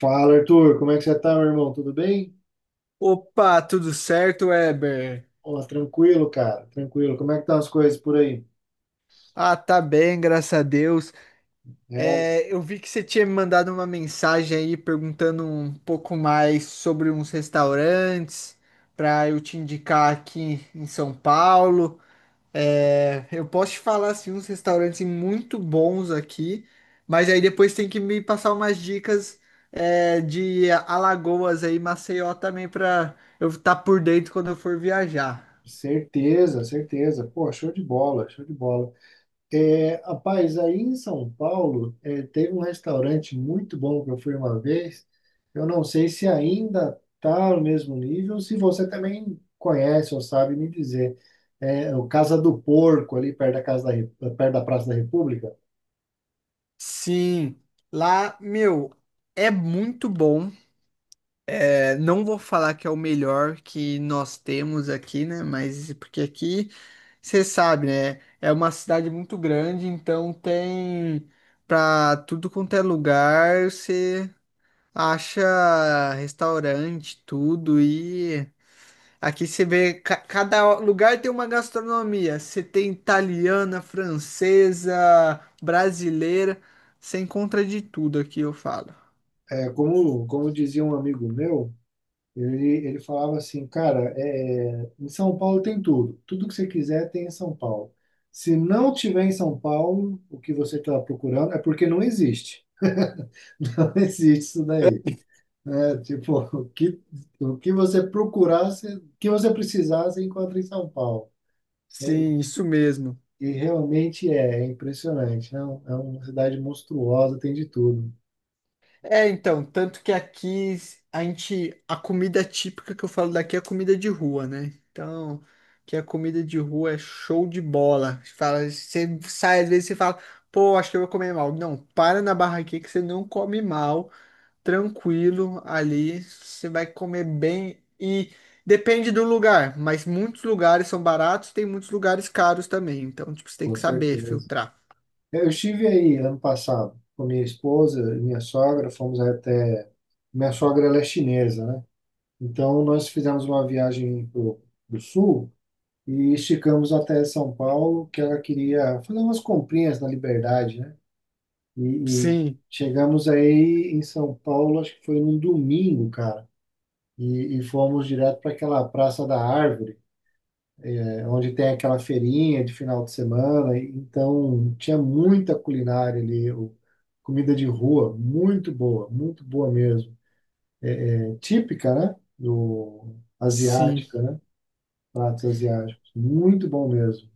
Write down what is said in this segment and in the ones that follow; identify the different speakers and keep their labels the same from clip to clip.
Speaker 1: Fala, Arthur, como é que você tá, meu irmão? Tudo bem?
Speaker 2: Opa, tudo certo, Weber?
Speaker 1: Ó, tranquilo, cara, tranquilo. Como é que estão as coisas por aí?
Speaker 2: Ah, tá bem, graças a Deus.
Speaker 1: É,
Speaker 2: É, eu vi que você tinha me mandado uma mensagem aí perguntando um pouco mais sobre uns restaurantes para eu te indicar aqui em São Paulo. É, eu posso te falar assim, uns restaurantes muito bons aqui, mas aí depois tem que me passar umas dicas de Alagoas aí, Maceió também para eu estar por dentro quando eu for viajar.
Speaker 1: Certeza, certeza. Pô, show de bola, show de bola. Rapaz, aí em São Paulo, teve um restaurante muito bom que eu fui uma vez. Eu não sei se ainda tá no mesmo nível, se você também conhece ou sabe me dizer. O Casa do Porco, ali perto da Praça da República.
Speaker 2: Sim, lá, meu, é muito bom. É, não vou falar que é o melhor que nós temos aqui, né? Mas porque aqui, você sabe, né? É uma cidade muito grande, então tem pra tudo quanto é lugar, você acha restaurante, tudo e. Aqui você vê, cada lugar tem uma gastronomia. Você tem italiana, francesa, brasileira. Você encontra de tudo aqui, eu falo.
Speaker 1: Como dizia um amigo meu. Ele falava assim, cara, em São Paulo tem tudo. Tudo que você quiser tem em São Paulo. Se não tiver em São Paulo, o que você está procurando é porque não existe. Não existe isso daí. Né? Tipo, o que você procurasse, o que você precisasse, encontra em São Paulo.
Speaker 2: Sim, isso mesmo.
Speaker 1: E realmente é impressionante. Né? É uma cidade monstruosa, tem de tudo,
Speaker 2: É, então, tanto que aqui a gente, a comida típica que eu falo daqui é comida de rua, né? Então, que a comida de rua é show de bola. Você sai às vezes e fala, pô, acho que eu vou comer mal. Não, para na barraquinha que você não come mal. Tranquilo ali, você vai comer bem e depende do lugar, mas muitos lugares são baratos, tem muitos lugares caros também, então tipo, você tem
Speaker 1: com
Speaker 2: que saber
Speaker 1: certeza.
Speaker 2: filtrar.
Speaker 1: Eu estive aí ano passado com minha esposa e minha sogra, fomos até. Minha sogra ela é chinesa, né? Então nós fizemos uma viagem do sul e esticamos até São Paulo, que ela queria fazer umas comprinhas na Liberdade, né? E
Speaker 2: Sim,
Speaker 1: chegamos aí em São Paulo, acho que foi num domingo, cara, e fomos direto para aquela Praça da Árvore. É onde tem aquela feirinha de final de semana. Então, tinha muita culinária ali, comida de rua, muito boa mesmo. É típica, né? Do
Speaker 2: sim.
Speaker 1: asiática, né? Pratos asiáticos, muito bom mesmo.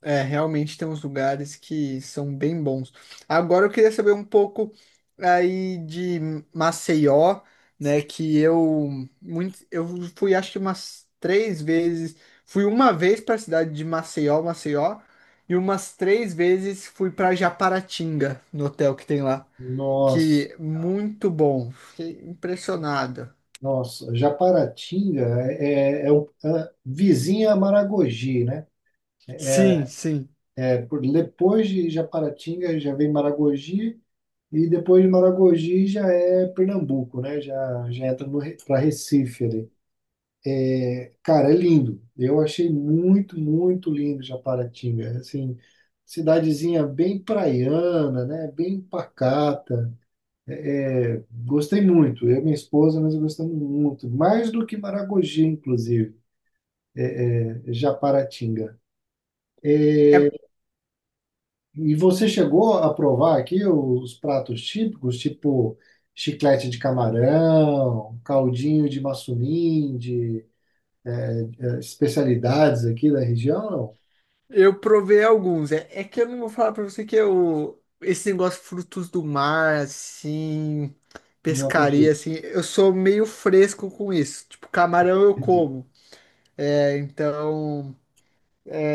Speaker 2: É, realmente tem uns lugares que são bem bons. Agora eu queria saber um pouco aí de Maceió, né? Eu fui acho que umas três vezes. Fui uma vez para a cidade de Maceió, Maceió, e umas três vezes fui para Japaratinga, no hotel que tem lá,
Speaker 1: Nossa,
Speaker 2: que muito bom. Fiquei impressionado.
Speaker 1: nossa, Japaratinga é a vizinha a Maragogi, né?
Speaker 2: Sim, sim.
Speaker 1: Depois de Japaratinga já vem Maragogi. E depois de Maragogi já é Pernambuco, né? Já entra para Recife ali. Cara, é lindo. Eu achei muito, muito lindo Japaratinga. Assim, cidadezinha bem praiana, né? Bem pacata. Gostei muito. Eu e minha esposa, nós gostamos muito. Mais do que Maragogi, inclusive, né? Japaratinga. E você chegou a provar aqui os pratos típicos, tipo chiclete de camarão, caldinho de maçuninde, especialidades aqui da região?
Speaker 2: Eu provei alguns. É, é que eu não vou falar pra você que eu. Esse negócio frutos do mar, assim.
Speaker 1: Não, não
Speaker 2: Pescaria,
Speaker 1: contigo.
Speaker 2: assim. Eu sou meio fresco com isso. Tipo, camarão eu
Speaker 1: Entendi.
Speaker 2: como. É, então.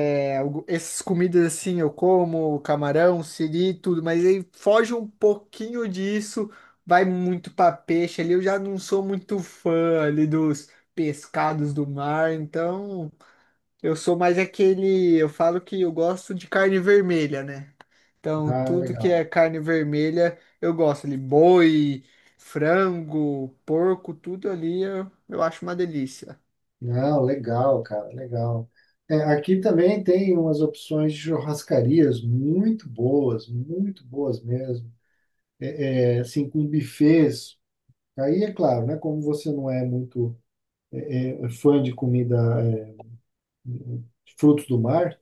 Speaker 2: Essas comidas, assim, eu como. Camarão, siri, tudo. Mas aí foge um pouquinho disso. Vai muito pra peixe ali. Eu já não sou muito fã ali dos pescados do mar. Então. Eu sou mais aquele. Eu falo que eu gosto de carne vermelha, né? Então,
Speaker 1: Ah,
Speaker 2: tudo que
Speaker 1: legal.
Speaker 2: é carne vermelha, eu gosto ali. Boi, frango, porco, tudo ali eu acho uma delícia.
Speaker 1: Não, legal, cara, legal. Aqui também tem umas opções de churrascarias muito boas mesmo. Assim, com buffets. Aí é claro, né? Como você não é muito fã de comida, é, de frutos do mar,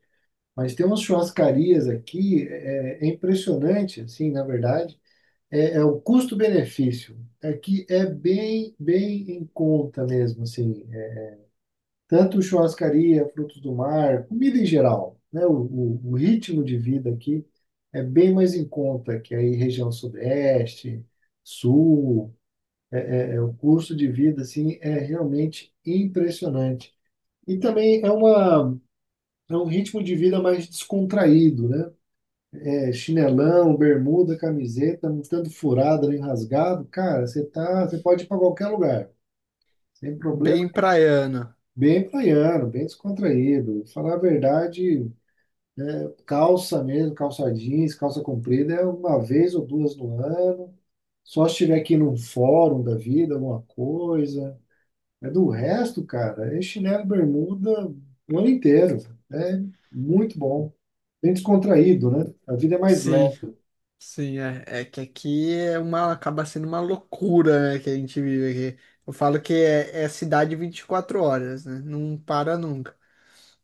Speaker 1: mas tem umas churrascarias aqui, é impressionante, assim, na verdade. É o custo-benefício. Aqui é bem, bem em conta mesmo, assim. Tanto churrascaria, frutos do mar, comida em geral, né? O ritmo de vida aqui é bem mais em conta que aí região sudeste, sul, é o custo de vida assim é realmente impressionante. E também é uma é um ritmo de vida mais descontraído, né? É chinelão, bermuda, camiseta, não tanto furado nem rasgado, cara, você tá, você pode ir para qualquer lugar, sem problema.
Speaker 2: Bem praiano.
Speaker 1: Bem praiano, bem descontraído. Falar a verdade, calça mesmo, calça jeans, calça comprida é uma vez ou duas no ano. Só se estiver aqui num fórum da vida, alguma coisa. É do resto, cara, é chinelo e bermuda o ano inteiro. É muito bom. Bem descontraído, né? A vida é mais
Speaker 2: Sim,
Speaker 1: leve.
Speaker 2: sim, é que aqui é uma, acaba sendo uma loucura, né, que a gente vive aqui. Eu falo que é cidade 24 horas, né? Não para nunca.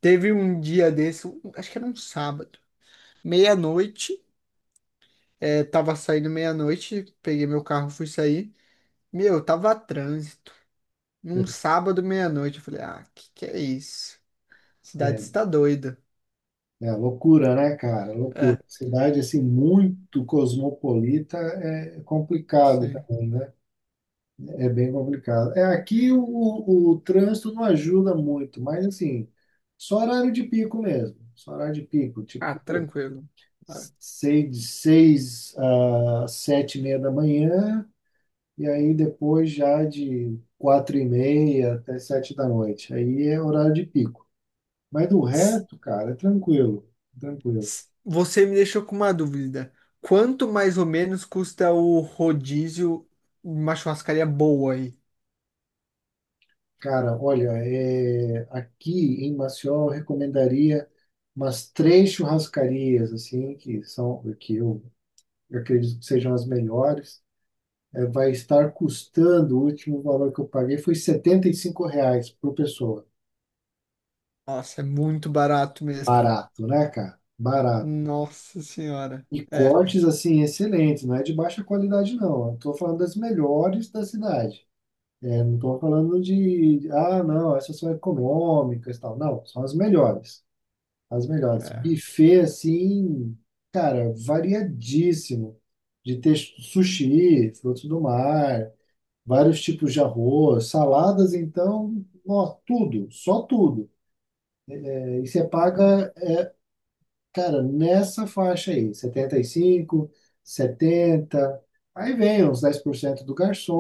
Speaker 2: Teve um dia desse, acho que era um sábado, meia-noite, tava saindo meia-noite, peguei meu carro, fui sair. Meu, tava trânsito. Num sábado meia-noite. Eu falei, ah, que é isso? Cidade
Speaker 1: É,
Speaker 2: está doida.
Speaker 1: é loucura, né, cara? Loucura.
Speaker 2: É,
Speaker 1: Cidade assim muito cosmopolita é complicado
Speaker 2: sim.
Speaker 1: também, né? É bem complicado. Aqui o trânsito não ajuda muito, mas assim, só horário de pico mesmo. Só horário de pico, tipo,
Speaker 2: Ah, tranquilo. Ah,
Speaker 1: seis, de seis a 7:30 da manhã, e aí depois já de 4:30 até sete da noite. Aí é horário de pico. Mas do
Speaker 2: s-
Speaker 1: resto, cara, é tranquilo, tranquilo.
Speaker 2: Você me deixou com uma dúvida. Quanto mais ou menos custa o rodízio em uma churrascaria boa aí?
Speaker 1: Cara, olha, aqui em Maceió eu recomendaria umas três churrascarias assim que são que eu acredito que sejam as melhores, vai estar custando, o último valor que eu paguei foi 75 reais por pessoa.
Speaker 2: Nossa, é muito barato mesmo.
Speaker 1: Barato, né, cara? Barato.
Speaker 2: Nossa senhora.
Speaker 1: E
Speaker 2: É,
Speaker 1: cortes, assim, excelentes, não é de baixa qualidade, não. Eu tô falando das melhores da cidade. Não estou falando de, ah, não, essas são econômicas e tal. Não, são as melhores. As melhores.
Speaker 2: é,
Speaker 1: Buffet, assim, cara, variadíssimo. De ter sushi, frutos do mar, vários tipos de arroz, saladas, então, ó, tudo, só tudo. E você
Speaker 2: é.
Speaker 1: paga, cara, nessa faixa aí, 75, 70, aí vem uns 10% do garçom,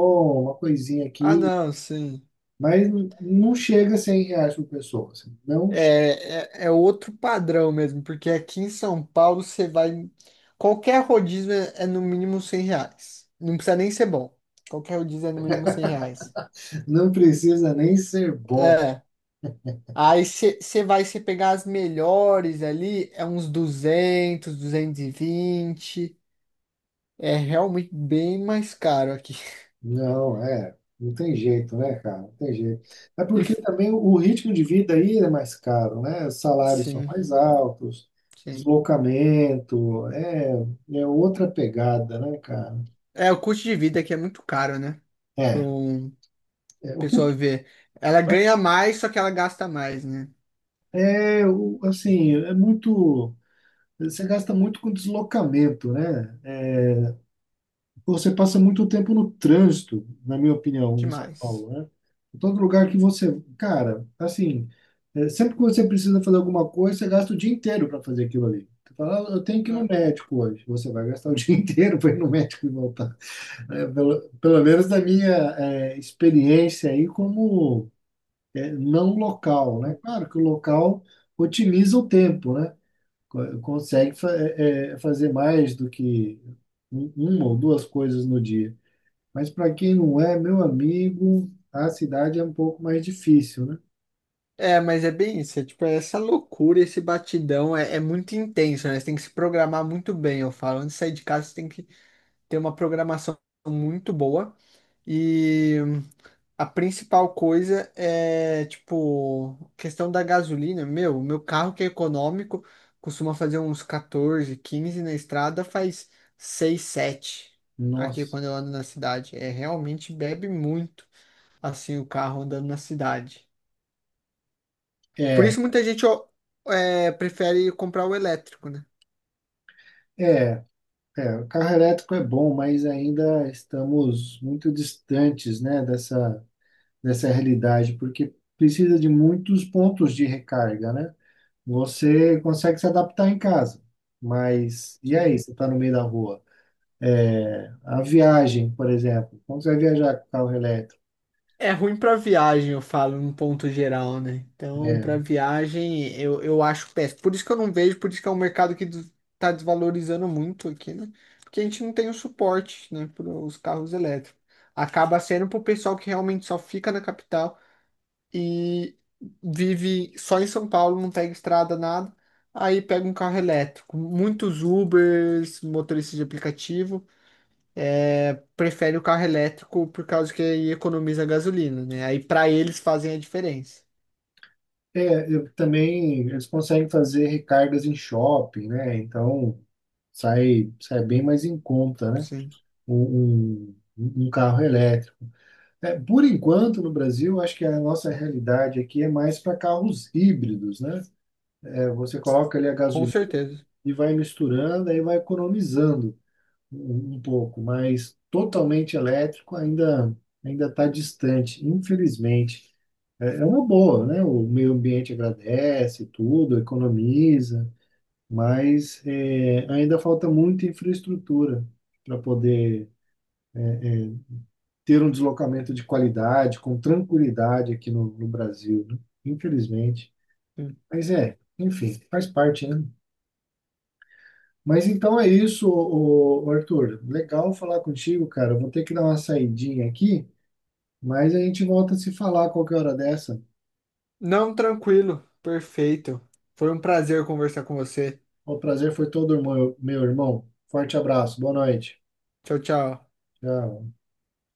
Speaker 1: uma coisinha
Speaker 2: Ah,
Speaker 1: aqui,
Speaker 2: não, sim.
Speaker 1: mas não chega a 100 reais por pessoa. Assim. Não,
Speaker 2: É outro padrão mesmo, porque aqui em São Paulo você vai. Qualquer rodízio é no mínimo R$ 100. Não precisa nem ser bom. Qualquer rodízio é no mínimo 100 reais.
Speaker 1: não precisa nem ser bom.
Speaker 2: É. Aí você vai se pegar as melhores ali, é uns 200, 220, é realmente bem mais caro aqui.
Speaker 1: Não, não tem jeito, né, cara? Não tem jeito. É
Speaker 2: E,
Speaker 1: porque
Speaker 2: f-
Speaker 1: também o ritmo de vida aí é mais caro, né? Os salários são
Speaker 2: sim,
Speaker 1: mais altos,
Speaker 2: sim.
Speaker 1: deslocamento, é outra pegada, né, cara?
Speaker 2: É, o custo de vida aqui é muito caro, né? Para
Speaker 1: É,
Speaker 2: um
Speaker 1: é, o que-
Speaker 2: pessoa ver. Ela ganha mais, só que ela gasta mais, né?
Speaker 1: é o- assim, é muito, você gasta muito com deslocamento, né? Você passa muito tempo no trânsito, na minha opinião, em São
Speaker 2: Demais.
Speaker 1: Paulo, né? Em todo lugar que você, cara, assim, sempre que você precisa fazer alguma coisa, você gasta o dia inteiro para fazer aquilo ali. Você fala, "Ah, eu tenho que ir no
Speaker 2: Ah,
Speaker 1: médico hoje. Você vai gastar o dia inteiro para ir no médico e voltar. É, pelo, pelo menos da minha experiência aí como não local, né?
Speaker 2: sim.
Speaker 1: Claro que o local otimiza o tempo, né? Consegue fazer mais do que uma ou duas coisas no dia. Mas para quem não é, meu amigo, a cidade é um pouco mais difícil, né?
Speaker 2: É, mas é bem isso. É, tipo, é essa loucura, esse batidão é muito intenso, né? Você tem que se programar muito bem. Eu falo, antes de sair de casa, você tem que ter uma programação muito boa. E a principal coisa é, tipo, questão da gasolina. Meu, o meu carro que é econômico costuma fazer uns 14, 15 na estrada, faz 6, 7 aqui
Speaker 1: Nossa.
Speaker 2: quando eu ando na cidade. É realmente bebe muito assim o carro andando na cidade. Por
Speaker 1: É,
Speaker 2: isso muita gente ó, prefere comprar o elétrico, né?
Speaker 1: é, é. O carro elétrico é bom, mas ainda estamos muito distantes, né, dessa realidade, porque precisa de muitos pontos de recarga, né? Você consegue se adaptar em casa, mas e
Speaker 2: Sim.
Speaker 1: aí? Você está no meio da rua? A viagem, por exemplo, como você vai viajar com carro elétrico?
Speaker 2: É ruim para viagem, eu falo, num ponto geral, né? Então,
Speaker 1: É,
Speaker 2: para viagem, eu acho péssimo. Por isso que eu não vejo, por isso que é um mercado que tá desvalorizando muito aqui, né? Porque a gente não tem o suporte, né, para os carros elétricos. Acaba sendo para o pessoal que realmente só fica na capital e vive só em São Paulo, não pega estrada, nada. Aí pega um carro elétrico. Muitos Ubers, motoristas de aplicativo prefere o carro elétrico por causa que aí economiza gasolina, né? Aí para eles fazem a diferença.
Speaker 1: eu também eles conseguem fazer recargas em shopping, né? Então sai bem mais em conta, né?
Speaker 2: Sim,
Speaker 1: Um carro elétrico. Por enquanto, no Brasil, acho que a nossa realidade aqui é mais para carros híbridos, né? Você coloca ali a
Speaker 2: com
Speaker 1: gasolina
Speaker 2: certeza.
Speaker 1: e vai misturando, aí vai economizando um pouco, mas totalmente elétrico ainda está distante, infelizmente. É uma boa, né? O meio ambiente agradece tudo, economiza, mas ainda falta muita infraestrutura para poder ter um deslocamento de qualidade, com tranquilidade aqui no Brasil, né? Infelizmente.
Speaker 2: Sim.
Speaker 1: Mas é, enfim, faz parte, né? Mas então é isso, Arthur. Legal falar contigo, cara. Eu vou ter que dar uma saidinha aqui. Mas a gente volta a se falar a qualquer hora dessa.
Speaker 2: Não, tranquilo, perfeito. Foi um prazer conversar com você.
Speaker 1: O prazer foi todo, meu irmão. Forte abraço, boa noite.
Speaker 2: Tchau, tchau.
Speaker 1: Tchau.